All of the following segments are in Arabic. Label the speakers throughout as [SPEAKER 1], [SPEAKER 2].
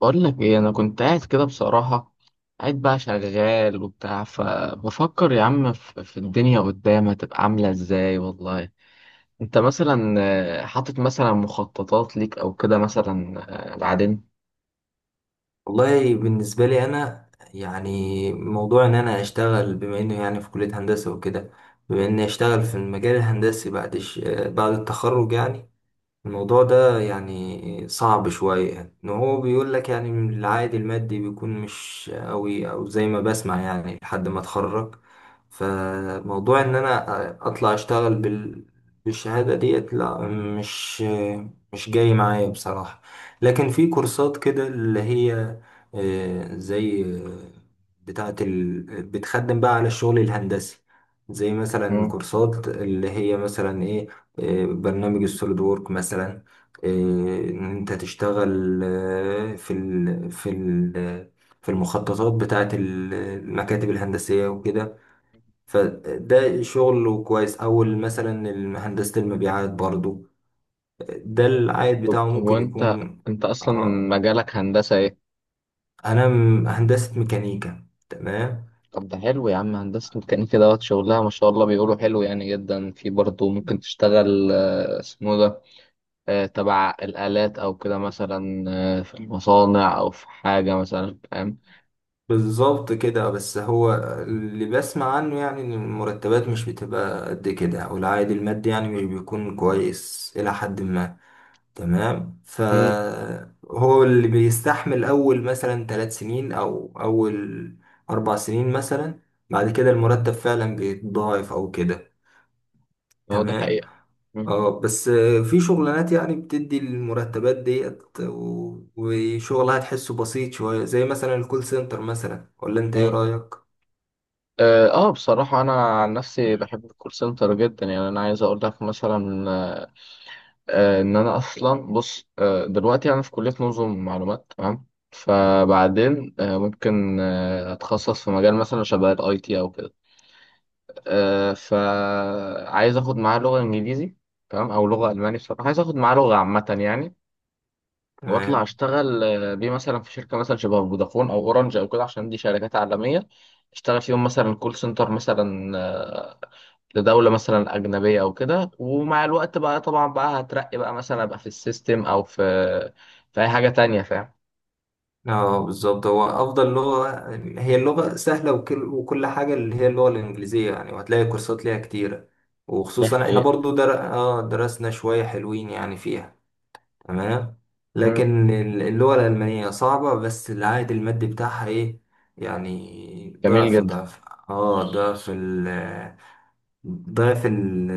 [SPEAKER 1] بقول لك ايه، انا كنت قاعد كده بصراحة، قاعد بقى شغال وبتاع، فبفكر يا عم في الدنيا قدام هتبقى عاملة ازاي والله. انت مثلا حاطط مثلا مخططات ليك او كده مثلا بعدين.
[SPEAKER 2] والله بالنسبة لي أنا، يعني موضوع إن أنا أشتغل بما إنه يعني في كلية هندسة وكده، بما إني أشتغل في المجال الهندسي بعد التخرج يعني. الموضوع ده يعني صعب شوية، يعني ان هو بيقول لك يعني العائد المادي بيكون مش قوي او زي ما بسمع يعني لحد ما اتخرج. فموضوع ان انا اطلع اشتغل بالشهادة ديت لا، مش جاي معايا بصراحة. لكن في كورسات كده اللي هي زي بتخدم بقى على الشغل الهندسي، زي مثلا
[SPEAKER 1] مم.
[SPEAKER 2] كورسات اللي هي مثلا برنامج السوليد وورك مثلا. آه، ان انت تشتغل في المخططات بتاعه المكاتب الهندسيه وكده. فده شغل كويس او مثلا هندسه المبيعات برضو. ده العائد
[SPEAKER 1] طب
[SPEAKER 2] بتاعه ممكن
[SPEAKER 1] وانت
[SPEAKER 2] يكون.
[SPEAKER 1] انت اصلا
[SPEAKER 2] آه،
[SPEAKER 1] مجالك هندسة ايه؟
[SPEAKER 2] انا هندسه ميكانيكا تمام.
[SPEAKER 1] طب ده حلو يا عم، هندسة ميكانيكا دوت شغلها ما شاء الله، بيقولوا حلو يعني جدا، في برضه ممكن تشتغل اسمه ده تبع الآلات أو كده مثلا في المصانع أو في حاجة مثلا فاهم.
[SPEAKER 2] بالظبط كده، بس هو اللي بسمع عنه يعني ان المرتبات مش بتبقى قد كده او العائد المادي يعني مش بيكون كويس الى حد ما. تمام،
[SPEAKER 1] مم.
[SPEAKER 2] فهو اللي بيستحمل اول مثلا 3 سنين او اول 4 سنين مثلا، بعد كده المرتب فعلا بيتضاعف او كده
[SPEAKER 1] هو دي
[SPEAKER 2] تمام.
[SPEAKER 1] حقيقة. مم.
[SPEAKER 2] اه بس في شغلانات يعني بتدي المرتبات ديت وشغلها تحسه بسيط شوية، زي مثلا الكول سنتر مثلا، ولا انت ايه
[SPEAKER 1] مم.
[SPEAKER 2] رأيك؟
[SPEAKER 1] اه بصراحة أنا عن نفسي بحب الكول سنتر جدا، يعني أنا عايز أقول لك مثلا إن أنا أصلا بص دلوقتي أنا في كلية نظم معلومات تمام. فبعدين ممكن أتخصص في مجال مثلا شبه الأي تي أو كده فعايز أخد معاه لغة إنجليزي تمام، أو لغة ألماني. بصراحة عايز أخد معاه لغة عامة يعني. واطلع
[SPEAKER 2] تمام.
[SPEAKER 1] اشتغل بيه مثلا في شركه مثلا شبه فودافون او اورنج او كده، عشان دي شركات عالميه. اشتغل فيهم مثلا كول سنتر مثلا لدوله مثلا اجنبيه او كده، ومع الوقت بقى طبعا بقى هترقي بقى مثلا ابقى في السيستم او في اي حاجه تانية فاهم.
[SPEAKER 2] اه بالظبط، هو افضل لغه هي اللغه سهله، وكل حاجه اللي هي اللغه الانجليزيه يعني، وهتلاقي كورسات ليها كتيره،
[SPEAKER 1] ده
[SPEAKER 2] وخصوصا احنا
[SPEAKER 1] حقيقة.
[SPEAKER 2] برضو در... اه درسنا شويه حلوين يعني فيها تمام.
[SPEAKER 1] مم.
[SPEAKER 2] لكن اللغه الالمانيه صعبه، بس العائد المادي بتاعها ايه يعني؟
[SPEAKER 1] جميل جدا.
[SPEAKER 2] اه ضعف ال ضعف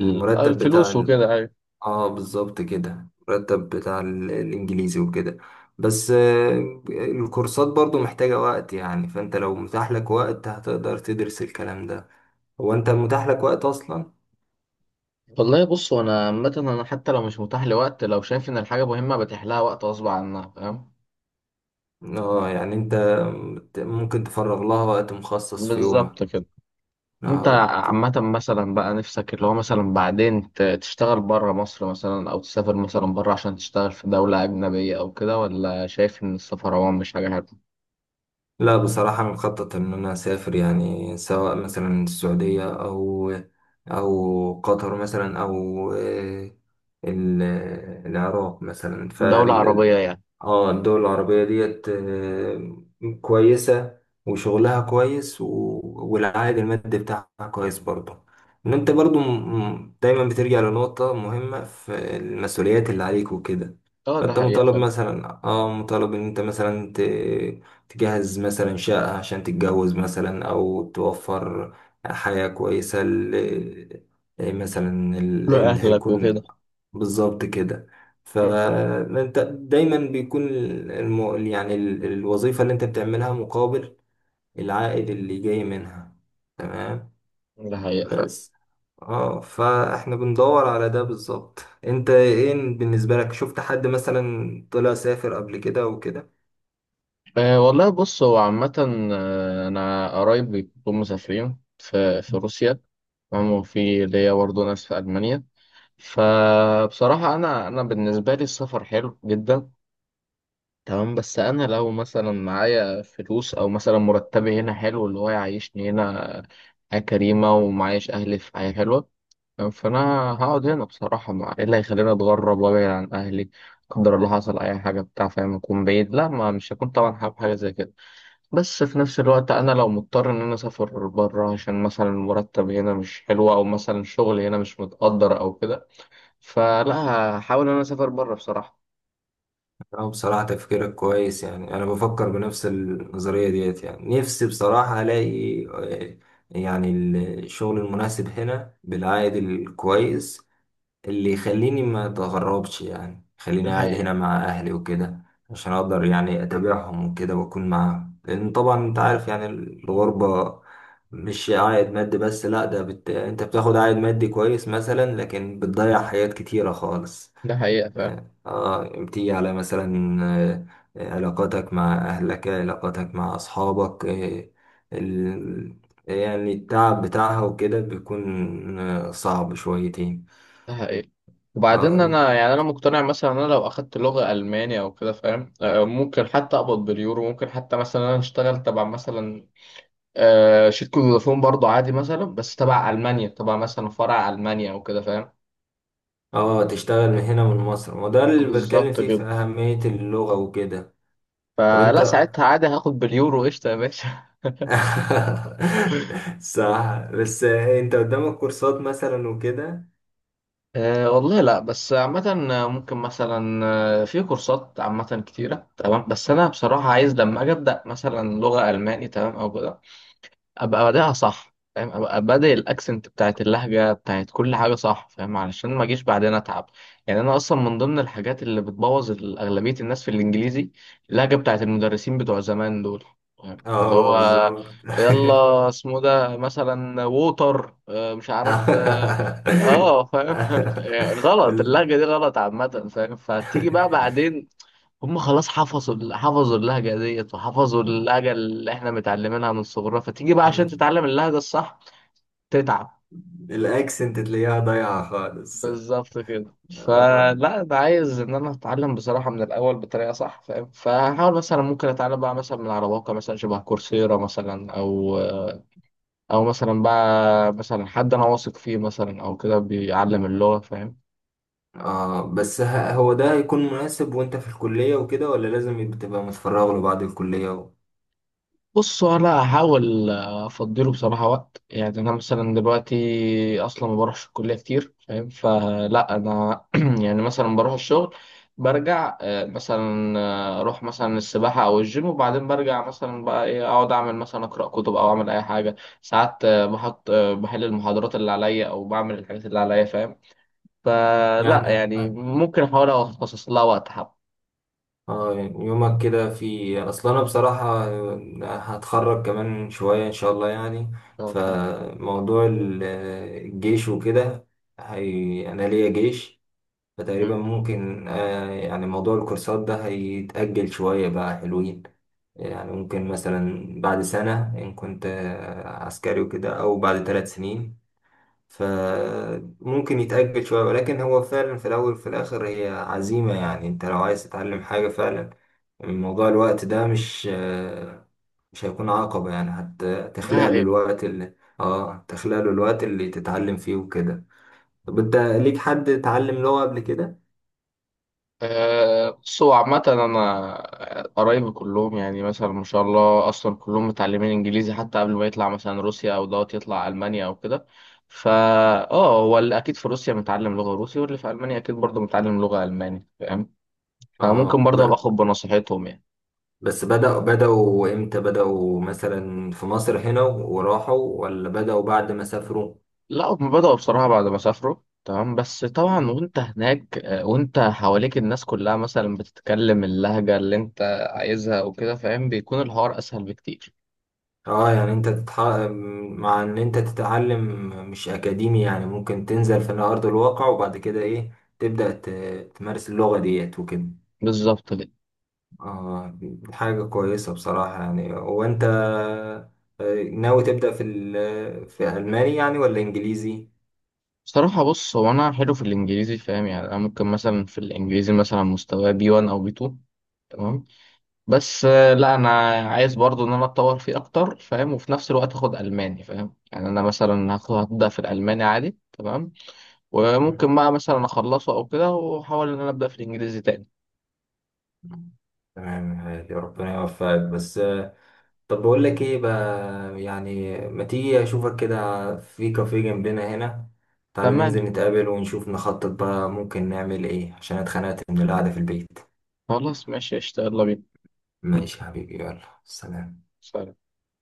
[SPEAKER 1] الفلوس
[SPEAKER 2] بتاع.
[SPEAKER 1] وكده ايوه.
[SPEAKER 2] اه بالظبط كده، مرتب بتاع الانجليزي وكده. بس الكورسات برضو محتاجة وقت، يعني فانت لو متاح لك وقت هتقدر تدرس الكلام ده. هو انت متاح لك وقت اصلا؟
[SPEAKER 1] والله بص، انا عامه انا حتى لو مش متاح لوقت، لو شايف ان الحاجه مهمه بتحلها وقت غصب عنها فاهم.
[SPEAKER 2] اه يعني انت ممكن تفرغ لها وقت مخصص في
[SPEAKER 1] بالظبط
[SPEAKER 2] يومك.
[SPEAKER 1] كده. انت
[SPEAKER 2] آه.
[SPEAKER 1] عامة مثلا بقى نفسك اللي هو مثلا بعدين تشتغل بره مصر مثلا، او تسافر مثلا بره عشان تشتغل في دولة اجنبية او كده، ولا شايف ان السفر عموما مش حاجة حلوة؟
[SPEAKER 2] لا بصراحة انا مخطط ان انا اسافر، يعني سواء مثلا السعودية او قطر مثلا او آه، ال- العراق مثلا.
[SPEAKER 1] دولة عربية يعني.
[SPEAKER 2] اه الدول العربية ديت كويسة، وشغلها كويس والعائد المادي بتاعها كويس برضه. ان انت برضه دايما بترجع لنقطة مهمة في المسؤوليات اللي عليك وكده.
[SPEAKER 1] اه ده
[SPEAKER 2] فانت
[SPEAKER 1] حقيقة
[SPEAKER 2] مطالب
[SPEAKER 1] فعلا.
[SPEAKER 2] مثلا اه مطالب ان انت مثلا تجهز مثلا شقة عشان تتجوز مثلا، او توفر حياة كويسة مثلا اللي
[SPEAKER 1] لأهلك وكده.
[SPEAKER 2] هيكون. بالظبط كده،
[SPEAKER 1] مم.
[SPEAKER 2] فانت دايما بيكون يعني الوظيفة اللي انت بتعملها مقابل العائد اللي جاي منها تمام.
[SPEAKER 1] ده حقيقة فعلا.
[SPEAKER 2] بس اه فاحنا بندور على ده بالظبط. انت ايه بالنسبة لك؟ شفت حد مثلا طلع سافر قبل كده وكده؟
[SPEAKER 1] أه والله بص هو عامة انا قرايب بيكونوا مسافرين في روسيا تمام، وفي ليا برضه ناس في ألمانيا. فبصراحة أنا بالنسبة لي السفر حلو جدا تمام، بس انا لو مثلا معايا فلوس او مثلا مرتبي هنا حلو اللي هو يعيشني هنا حياة كريمة، ومعايش اهلي في حياة حلوة، فانا هقعد هنا بصراحة، ما ايه اللي هيخليني اتغرب وابعد عن اهلي؟ لا، قدر الله حصل اي حاجة بتاع فاهم اكون بعيد، لا ما مش هكون طبعا حابب حاجة زي كده. بس في نفس الوقت انا لو مضطر ان انا اسافر بره عشان مثلا المرتب هنا مش حلو، او مثلا الشغل هنا مش متقدر او كده، فلا، هحاول ان انا اسافر بره بصراحة.
[SPEAKER 2] اه بصراحة تفكيرك كويس، يعني انا بفكر بنفس النظرية ديت. يعني نفسي بصراحة الاقي يعني الشغل المناسب هنا بالعائد الكويس، اللي يخليني ما اتغربش، يعني خليني
[SPEAKER 1] ده
[SPEAKER 2] قاعد
[SPEAKER 1] حقيقة.
[SPEAKER 2] هنا مع اهلي وكده، عشان اقدر يعني اتابعهم وكده واكون معاهم، لان طبعا انت عارف يعني الغربة مش عائد مادي بس لا، ده انت بتاخد عائد مادي كويس مثلا، لكن بتضيع حاجات كتيرة خالص.
[SPEAKER 1] ده حقيقة.
[SPEAKER 2] اه بتيجي على مثلا علاقاتك مع اهلك، علاقاتك مع اصحابك، ال... يعني التعب بتاعها وكده بيكون صعب شويتين.
[SPEAKER 1] ده حقيقي. وبعدين
[SPEAKER 2] آه،
[SPEAKER 1] انا يعني انا مقتنع مثلا ان انا لو اخدت لغه الماني او كده فاهم ممكن حتى اقبض باليورو، ممكن حتى مثلا انا اشتغل تبع مثلا شركه فودافون برضو عادي مثلا، بس تبع المانيا، تبع مثلا فرع المانيا او كده فاهم.
[SPEAKER 2] اه تشتغل من هنا من مصر، ما هو ده اللي بتكلم
[SPEAKER 1] بالظبط
[SPEAKER 2] فيه في
[SPEAKER 1] كده.
[SPEAKER 2] أهمية اللغة وكده. طب انت
[SPEAKER 1] فلا ساعتها عادي هاخد باليورو قشطه يا باشا
[SPEAKER 2] صح، بس انت قدامك كورسات مثلا وكده.
[SPEAKER 1] أه والله لا بس عامة ممكن مثلا في كورسات عامة كتيرة تمام، بس أنا بصراحة عايز لما أجي أبدأ مثلا لغة ألماني تمام أو كده، ابقى بادئها صح فاهم، ابقى بادئ الاكسنت بتاعت اللهجه بتاعت كل حاجه صح فاهم، علشان ما اجيش بعدين اتعب. يعني انا اصلا من ضمن الحاجات اللي بتبوظ اغلبيه الناس في الانجليزي اللهجه بتاعت المدرسين بتوع زمان دول. فاهم؟ اللي
[SPEAKER 2] اه
[SPEAKER 1] هو
[SPEAKER 2] بالظبط
[SPEAKER 1] يلا اسمه ده مثلا ووتر مش عارف اه فاهم غلط اللهجه دي غلط عامه فاهم، فتيجي بقى بعدين هم خلاص حفظوا حفظوا اللهجة ديت، وحفظوا اللهجة اللي احنا متعلمينها من صغرنا، فتيجي بقى عشان تتعلم اللهجة الصح تتعب.
[SPEAKER 2] الاكسنت تلاقيها ضايعة خالص.
[SPEAKER 1] بالظبط كده.
[SPEAKER 2] اه.
[SPEAKER 1] فلا انا عايز ان انا اتعلم بصراحة من الاول بطريقة صح فاهم، فهحاول مثلا ممكن اتعلم بقى مثلا من على مواقع مثلا شبه كورسيرا مثلا، او مثلا بقى مثلا حد انا واثق فيه مثلا او كده بيعلم اللغة فاهم.
[SPEAKER 2] اه بس هو ده هيكون مناسب وانت في الكلية وكده، ولا لازم تبقى متفرغ له بعد الكلية و...؟
[SPEAKER 1] بص انا هحاول افضله بصراحه وقت، يعني انا مثلا دلوقتي اصلا ما بروحش الكليه كتير فاهم، فلا انا يعني مثلا بروح الشغل، برجع مثلا اروح مثلا السباحه او الجيم، وبعدين برجع مثلا بقى ايه، اقعد اعمل مثلا اقرا كتب او اعمل اي حاجه. ساعات بحط آه، بحل المحاضرات اللي عليا او بعمل الحاجات اللي عليا فاهم. فلا
[SPEAKER 2] يعني
[SPEAKER 1] يعني ممكن احاول اخصص لها وقت حب ان
[SPEAKER 2] اه يعني يومك كده في اصلا. انا بصراحة هتخرج كمان شوية ان شاء الله يعني،
[SPEAKER 1] شاء الله.
[SPEAKER 2] فموضوع الجيش وكده، هي انا ليا جيش، فتقريبا
[SPEAKER 1] مم.
[SPEAKER 2] ممكن يعني موضوع الكورسات ده هيتأجل شوية بقى حلوين. يعني ممكن مثلا بعد سنة ان كنت عسكري وكده، او بعد 3 سنين، فممكن يتأجل شوية. ولكن هو فعلا في الأول وفي الآخر هي عزيمة، يعني أنت لو عايز تتعلم حاجة فعلا موضوع الوقت ده مش هيكون عقبة، يعني حتى
[SPEAKER 1] ده
[SPEAKER 2] تخلق له الوقت اللي تتعلم فيه وكده. طب انت ليك حد اتعلم لغة قبل كده؟
[SPEAKER 1] بصوا عامة أنا قرايبي كلهم، يعني مثلا ما شاء الله أصلا كلهم متعلمين إنجليزي حتى قبل ما يطلع مثلا روسيا أو دوت يطلع ألمانيا أو كده، فا آه هو اللي أكيد في روسيا متعلم لغة روسي، واللي في ألمانيا أكيد برضه متعلم لغة ألماني فاهم. أنا ممكن
[SPEAKER 2] اه
[SPEAKER 1] برضه أبقى آخد بنصيحتهم يعني.
[SPEAKER 2] بس بدأوا امتى؟ بدأوا مثلا في مصر هنا وراحوا، ولا بدأوا بعد ما سافروا؟
[SPEAKER 1] لا هم بدأوا بصراحة بعد ما سافروا تمام، بس طبعا وأنت هناك وأنت حواليك الناس كلها مثلا بتتكلم اللهجة اللي أنت عايزها وكده فاهم، بيكون الحوار أسهل بكتير.
[SPEAKER 2] اه يعني انت مع ان انت تتعلم مش اكاديمي يعني، ممكن تنزل في ارض الواقع، وبعد كده ايه تبدأ تمارس اللغة ديت وكده.
[SPEAKER 1] بالظبط.
[SPEAKER 2] اه حاجة كويسة بصراحة يعني. وانت ناوي تبدأ في في ألماني يعني ولا إنجليزي؟
[SPEAKER 1] بصراحة بص هو أنا حلو في الإنجليزي فاهم، يعني أنا ممكن مثلا في الإنجليزي مثلا مستوى بي 1 أو بي 2 تمام. بس لا أنا عايز برضو إن أنا أتطور فيه أكتر فاهم، وفي نفس الوقت أخد ألماني فاهم. يعني أنا مثلا هبدأ في الألماني عادي تمام،
[SPEAKER 2] مم.
[SPEAKER 1] وممكن بقى مثلا أخلصه أو كده، وأحاول إن أنا أبدأ في الإنجليزي تاني.
[SPEAKER 2] تمام هادي، ربنا يوفقك. بس طب بقول لك ايه بقى؟ يعني ما تيجي اشوفك كده في كافيه جنبنا هنا، تعالى
[SPEAKER 1] تمام.
[SPEAKER 2] ننزل نتقابل ونشوف نخطط بقى ممكن نعمل ايه، عشان اتخنقت من القعدة في البيت.
[SPEAKER 1] خلاص ماشي قشطة يلا بينا.
[SPEAKER 2] ماشي يا حبيبي، يلا سلام
[SPEAKER 1] سلام.